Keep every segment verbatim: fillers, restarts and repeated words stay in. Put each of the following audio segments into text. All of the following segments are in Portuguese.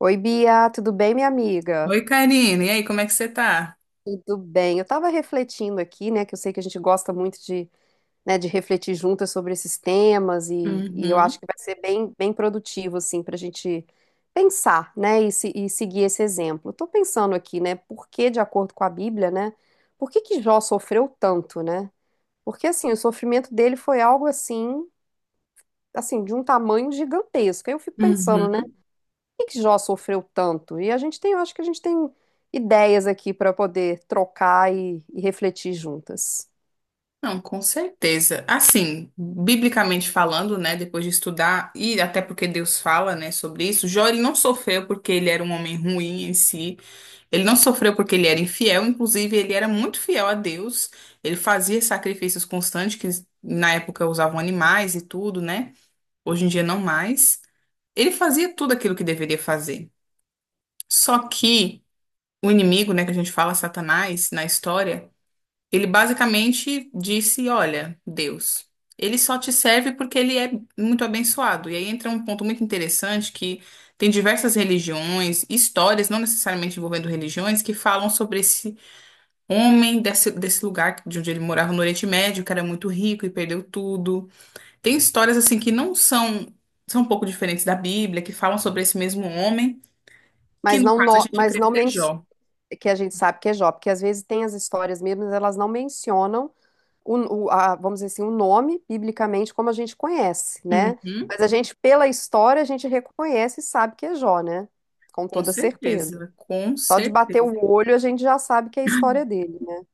Oi, Bia, tudo bem, minha amiga? Oi, Karine. E aí, como é que você tá? Tudo bem. Eu estava refletindo aqui, né, que eu sei que a gente gosta muito de, né, de refletir juntas sobre esses temas e, e eu Uhum. acho que vai ser bem, bem produtivo, assim, para a gente pensar, né, e, se- e seguir esse exemplo. Estou pensando aqui, né, por que, de acordo com a Bíblia, né, por que que Jó sofreu tanto, né? Porque, assim, o sofrimento dele foi algo, assim, assim, de um tamanho gigantesco. Aí eu fico pensando, né, Uhum. que que Jó sofreu tanto? E a gente tem, eu acho que a gente tem ideias aqui para poder trocar e, e refletir juntas. Não, com certeza. Assim, biblicamente falando, né, depois de estudar, e até porque Deus fala, né, sobre isso, Jó ele não sofreu porque ele era um homem ruim em si, ele não sofreu porque ele era infiel, inclusive ele era muito fiel a Deus, ele fazia sacrifícios constantes, que na época usavam animais e tudo, né, hoje em dia não mais. Ele fazia tudo aquilo que deveria fazer. Só que o inimigo, né, que a gente fala, Satanás, na história, ele basicamente disse: Olha, Deus, ele só te serve porque ele é muito abençoado. E aí entra um ponto muito interessante que tem diversas religiões, histórias, não necessariamente envolvendo religiões, que falam sobre esse homem desse, desse lugar de onde ele morava no Oriente Médio, que era muito rico e perdeu tudo. Tem histórias assim que não são, são um pouco diferentes da Bíblia, que falam sobre esse mesmo homem, que Mas no não, caso a no- gente mas crê não que é men- Jó. Que a gente sabe que é Jó, porque às vezes tem as histórias mesmo, mas elas não mencionam o, o- a- vamos dizer assim, o nome biblicamente como a gente conhece, né? Uhum, Mas a gente, pela história, a gente reconhece e sabe que é Jó, né? Com com toda certeza. certeza, com Só de bater certeza. o olho, a gente já sabe que é a história dele, né?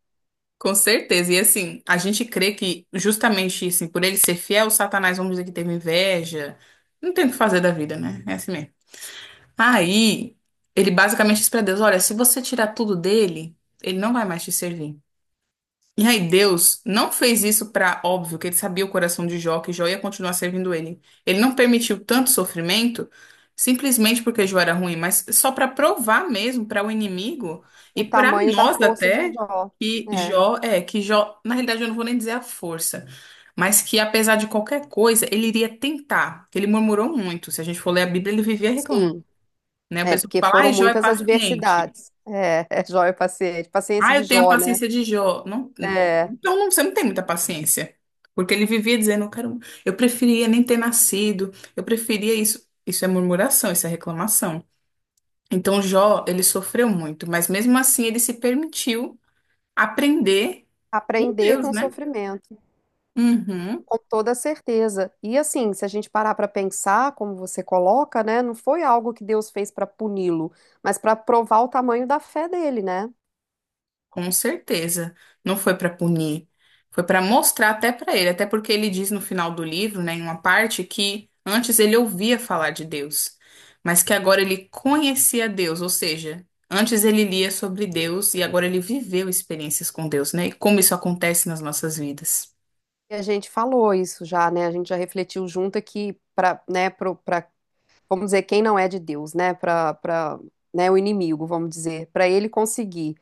Com certeza. E assim, a gente crê que justamente assim, por ele ser fiel, Satanás, vamos dizer que teve inveja. Não tem o que fazer da vida, né? É assim mesmo. Aí, ele basicamente diz pra Deus: Olha, se você tirar tudo dele, ele não vai mais te servir. E aí, Deus não fez isso, para óbvio que ele sabia o coração de Jó, que Jó ia continuar servindo ele. Ele não permitiu tanto sofrimento simplesmente porque Jó era ruim, mas só para provar mesmo para o inimigo e O para tamanho da nós força de até Jó. que É, Jó é que Jó, na realidade eu não vou nem dizer a força, mas que apesar de qualquer coisa, ele iria tentar. Ele murmurou muito. Se a gente for ler a Bíblia, ele vivia reclamando, sim. né? O É, pessoal porque fala: foram "Ai, Jó é muitas paciente". adversidades. É, é Jó e paciente, paciência Ah, de eu tenho a Jó, né? paciência de Jó. Não, É, então não, você não tem muita paciência. Porque ele vivia dizendo, eu quero, eu preferia nem ter nascido, eu preferia isso. Isso é murmuração, isso é reclamação. Então Jó, ele sofreu muito, mas mesmo assim ele se permitiu aprender com aprender com Deus, o né? sofrimento, Uhum. com toda certeza. E assim, se a gente parar para pensar, como você coloca, né, não foi algo que Deus fez para puni-lo, mas para provar o tamanho da fé dele, né? Com certeza. Não foi para punir, foi para mostrar até para ele, até porque ele diz no final do livro, né, em uma parte, que antes ele ouvia falar de Deus, mas que agora ele conhecia Deus, ou seja, antes ele lia sobre Deus e agora ele viveu experiências com Deus, né? E como isso acontece nas nossas vidas. E a gente falou isso já, né? A gente já refletiu junto aqui para, né, pro, pra, vamos dizer, quem não é de Deus, né? Para, para, né, o inimigo, vamos dizer, para ele conseguir.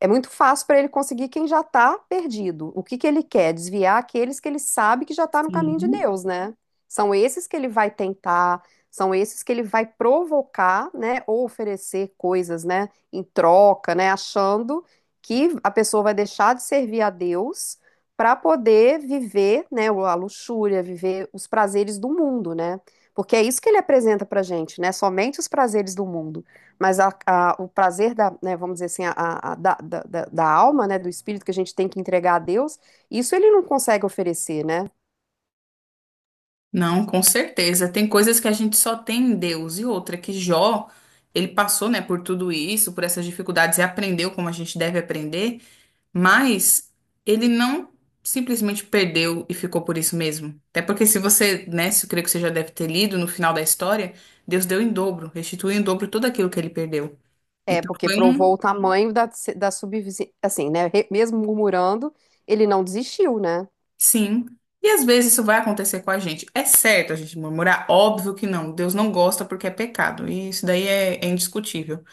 É muito fácil para ele conseguir quem já está perdido. O que que ele quer? Desviar aqueles que ele sabe que já está no caminho de Sim. Deus, né? São esses que ele vai tentar, são esses que ele vai provocar, né? Ou oferecer coisas, né? Em troca, né? Achando que a pessoa vai deixar de servir a Deus para poder viver, né, a luxúria, viver os prazeres do mundo, né? Porque é isso que ele apresenta para gente, né? Somente os prazeres do mundo. Mas a- a- o prazer da, né, vamos dizer assim, a, a- a- da, da, da- da alma, né, do espírito que a gente tem que entregar a Deus, isso ele não consegue oferecer, né? Não, com certeza. Tem coisas que a gente só tem em Deus. E outra, que Jó, ele passou, né, por tudo isso, por essas dificuldades e aprendeu como a gente deve aprender. Mas ele não simplesmente perdeu e ficou por isso mesmo. Até porque se você, né, se eu creio que você já deve ter lido no final da história, Deus deu em dobro, restituiu em dobro tudo aquilo que ele perdeu. É, Então porque foi provou um o tamanho da, da subvivência, assim, né? re- Mesmo murmurando, ele não desistiu, né? sim. E às vezes isso vai acontecer com a gente. É certo a gente murmurar? Óbvio que não. Deus não gosta porque é pecado. E isso daí é, é indiscutível.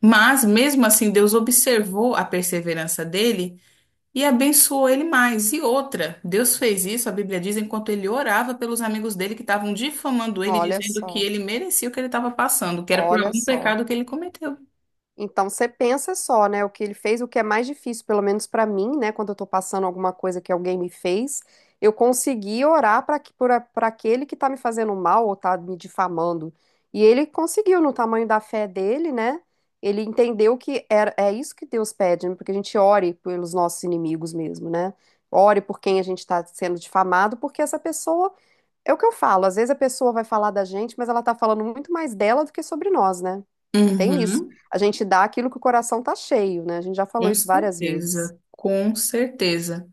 Mas mesmo assim, Deus observou a perseverança dele e abençoou ele mais. E outra, Deus fez isso, a Bíblia diz, enquanto ele orava pelos amigos dele que estavam difamando ele, Olha dizendo que só, ele merecia o que ele estava passando, que era por olha algum só. pecado que ele cometeu. Então você pensa só, né, o que ele fez, o que é mais difícil, pelo menos pra mim, né, quando eu tô passando alguma coisa que alguém me fez, eu consegui orar para que, para aquele que tá me fazendo mal ou tá me difamando. E ele conseguiu no tamanho da fé dele, né? Ele entendeu que era, é isso que Deus pede, né, porque a gente ore pelos nossos inimigos mesmo, né? Ore por quem a gente está sendo difamado, porque essa pessoa, é o que eu falo, às vezes a pessoa vai falar da gente, mas ela tá falando muito mais dela do que sobre nós, né? Tem isso. Uhum, A gente dá aquilo que o coração tá cheio, né? A gente já falou com isso várias vezes. certeza, com certeza.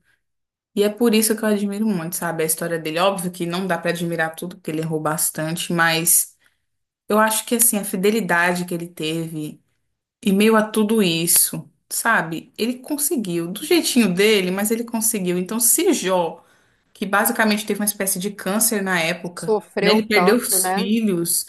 E é por isso que eu admiro muito, sabe, a história dele. Óbvio que não dá para admirar tudo, porque ele errou bastante, mas eu acho que, assim, a fidelidade que ele teve, e meio a tudo isso, sabe, ele conseguiu, do jeitinho dele, mas ele conseguiu. Então, se Jó, que basicamente teve uma espécie de câncer na época, né? Ele Sofreu perdeu tanto, os né? filhos,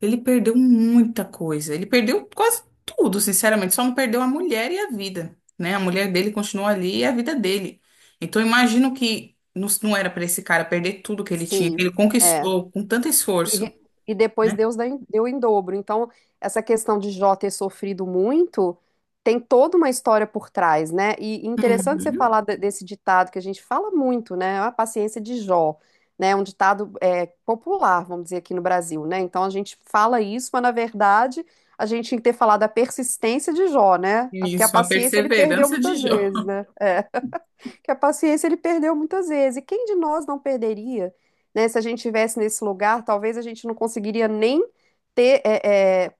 ele perdeu muita coisa, ele perdeu quase tudo, sinceramente, só não perdeu a mulher e a vida, né? A mulher dele continuou ali e a vida dele. Então, eu imagino que não, não era para esse cara perder tudo que ele tinha, que Sim, ele é. conquistou com tanto E, esforço, re- e depois né? Deus dá em- deu em dobro. Então, essa questão de Jó ter sofrido muito tem toda uma história por trás, né? E interessante você Uhum. falar de- desse ditado que a gente fala muito, né? A paciência de Jó, né? Um ditado é, popular, vamos dizer, aqui no Brasil, né? Então, a gente fala isso, mas na verdade a gente tinha que ter falado a persistência de Jó, né? Porque a Isso, a paciência ele perdeu perseverança de muitas Jó. vezes, né? É que a paciência ele perdeu muitas vezes. E quem de nós não perderia, né? Se a gente tivesse nesse lugar, talvez a gente não conseguiria nem ter é, é,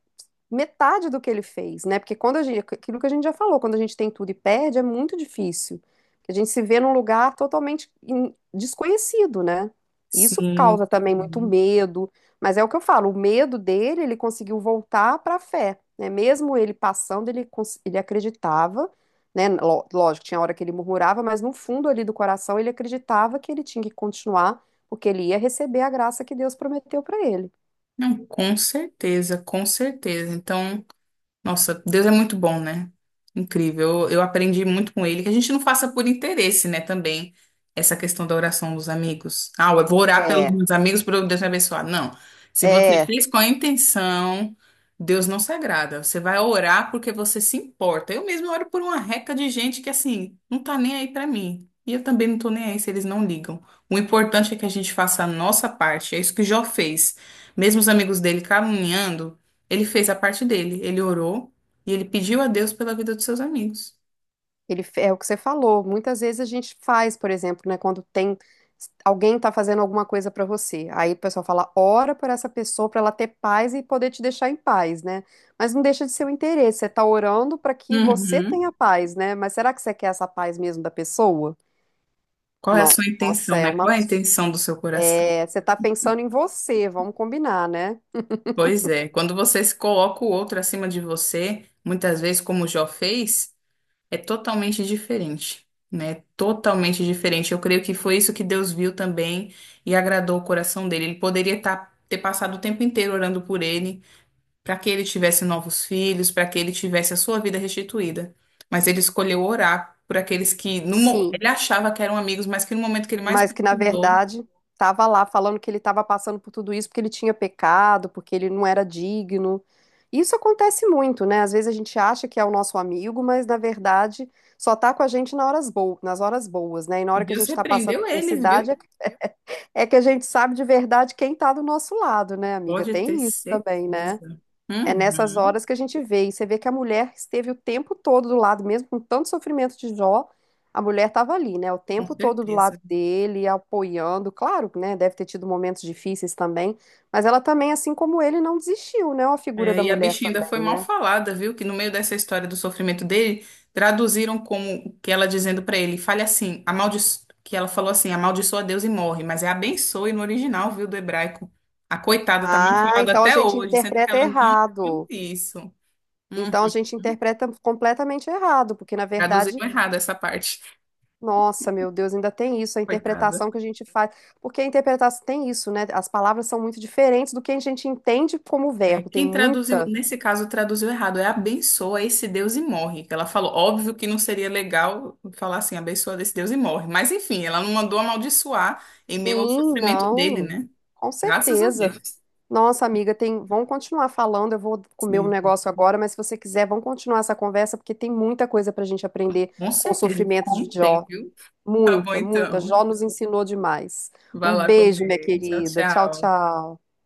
metade do que ele fez, né? Porque quando a gente, aquilo que a gente já falou, quando a gente tem tudo e perde, é muito difícil. A gente se vê num lugar totalmente in- desconhecido, né? E isso Sim. causa também muito Sim. medo, mas é o que eu falo, o medo dele, ele conseguiu voltar para a fé, né? Mesmo ele passando, ele, cons- ele acreditava, né? Ló- Lógico, tinha hora que ele murmurava, mas no fundo ali do coração ele acreditava que ele tinha que continuar, porque ele ia receber a graça que Deus prometeu para ele. Não, com certeza, com certeza. Então, nossa, Deus é muito bom, né? Incrível. Eu, eu aprendi muito com ele, que a gente não faça por interesse, né, também, essa questão da oração dos amigos. Ah, eu vou orar pelos É, meus amigos para Deus me abençoar. Não. Se você é, fez com a intenção, Deus não se agrada. Você vai orar porque você se importa. Eu mesmo oro por uma reca de gente que, assim, não tá nem aí para mim. E eu também não tô nem aí se eles não ligam. O importante é que a gente faça a nossa parte. É isso que Jó fez. Mesmo os amigos dele caluniando. Ele fez a parte dele, ele orou e ele pediu a Deus pela vida dos seus amigos. Ele fe- é o que você falou. Muitas vezes a gente faz, por exemplo, né, quando tem alguém tá fazendo alguma coisa pra você. Aí o pessoal fala, ora por essa pessoa pra ela ter paz e poder te deixar em paz, né? Mas não deixa de ser o interesse. Você tá orando pra que você Uhum. tenha paz, né? Mas será que você quer essa paz mesmo da pessoa? Qual é a No- sua Nossa, intenção, é né? uma Qual é a intenção do seu coração? é, você tá pensando em você, vamos combinar, né? Pois é, quando você se coloca o outro acima de você, muitas vezes, como o Jó fez, é totalmente diferente, né? Totalmente diferente. Eu creio que foi isso que Deus viu também e agradou o coração dele. Ele poderia tá- ter passado o tempo inteiro orando por ele, para que ele tivesse novos filhos, para que ele tivesse a sua vida restituída. Mas ele escolheu orar por aqueles que no mo- Sim, ele achava que eram amigos, mas que no momento que ele mais mas que na precisou, verdade estava lá falando que ele estava passando por tudo isso porque ele tinha pecado, porque ele não era digno. Isso acontece muito, né? Às vezes a gente acha que é o nosso amigo, mas na verdade só tá com a gente na horas bo- nas horas boas, né? E na e hora que a Deus gente está passando repreendeu eles, adversidade viu? é é que a gente sabe de verdade quem tá do nosso lado, né, amiga? Pode ter Tem isso também, né? certeza. É nessas Uhum, horas que a gente vê. E você vê que a mulher esteve o tempo todo do lado, mesmo com tanto sofrimento de Jó, a mulher estava ali, né? O com tempo todo do certeza. lado dele, apoiando. Claro, né? Deve ter tido momentos difíceis também. Mas ela também, assim como ele, não desistiu, né? A figura É, da e a mulher bichinha ainda foi também, mal né? falada, viu? Que no meio dessa história do sofrimento dele, traduziram como que ela dizendo pra ele, fale assim, amaldi... que ela falou assim, amaldiçoa Deus e morre, mas é abençoe no original, viu, do hebraico. A coitada tá mal Ah, falada então a até gente hoje, sendo que interpreta ela não viu errado. isso. Então a Uhum. gente interpreta completamente errado, porque na verdade Traduziram errado essa parte. Nossa, meu Deus, ainda tem isso, a Coitada. interpretação que a gente faz. Porque a interpretação tem isso, né? As palavras são muito diferentes do que a gente entende como É, verbo. Tem quem traduziu, muita. nesse caso, traduziu errado, é abençoa esse Deus e morre, que ela falou, óbvio que não seria legal falar assim, abençoa esse Deus e morre. Mas enfim, ela não mandou amaldiçoar em meio ao Sim, sofrimento dele, não. né? Com Graças a certeza. Deus. Nossa, amiga, tem... vamos continuar falando. Eu vou comer um Sim, negócio agora, mas se você quiser, vamos continuar essa conversa, porque tem muita coisa para a gente aprender com com o certeza, e sofrimento de como tem, Jó. viu? Tá bom Muita, muita. então. Jó nos ensinou demais. Vai Um lá beijo, minha comer. Tchau, querida. Tchau, tchau. tchau.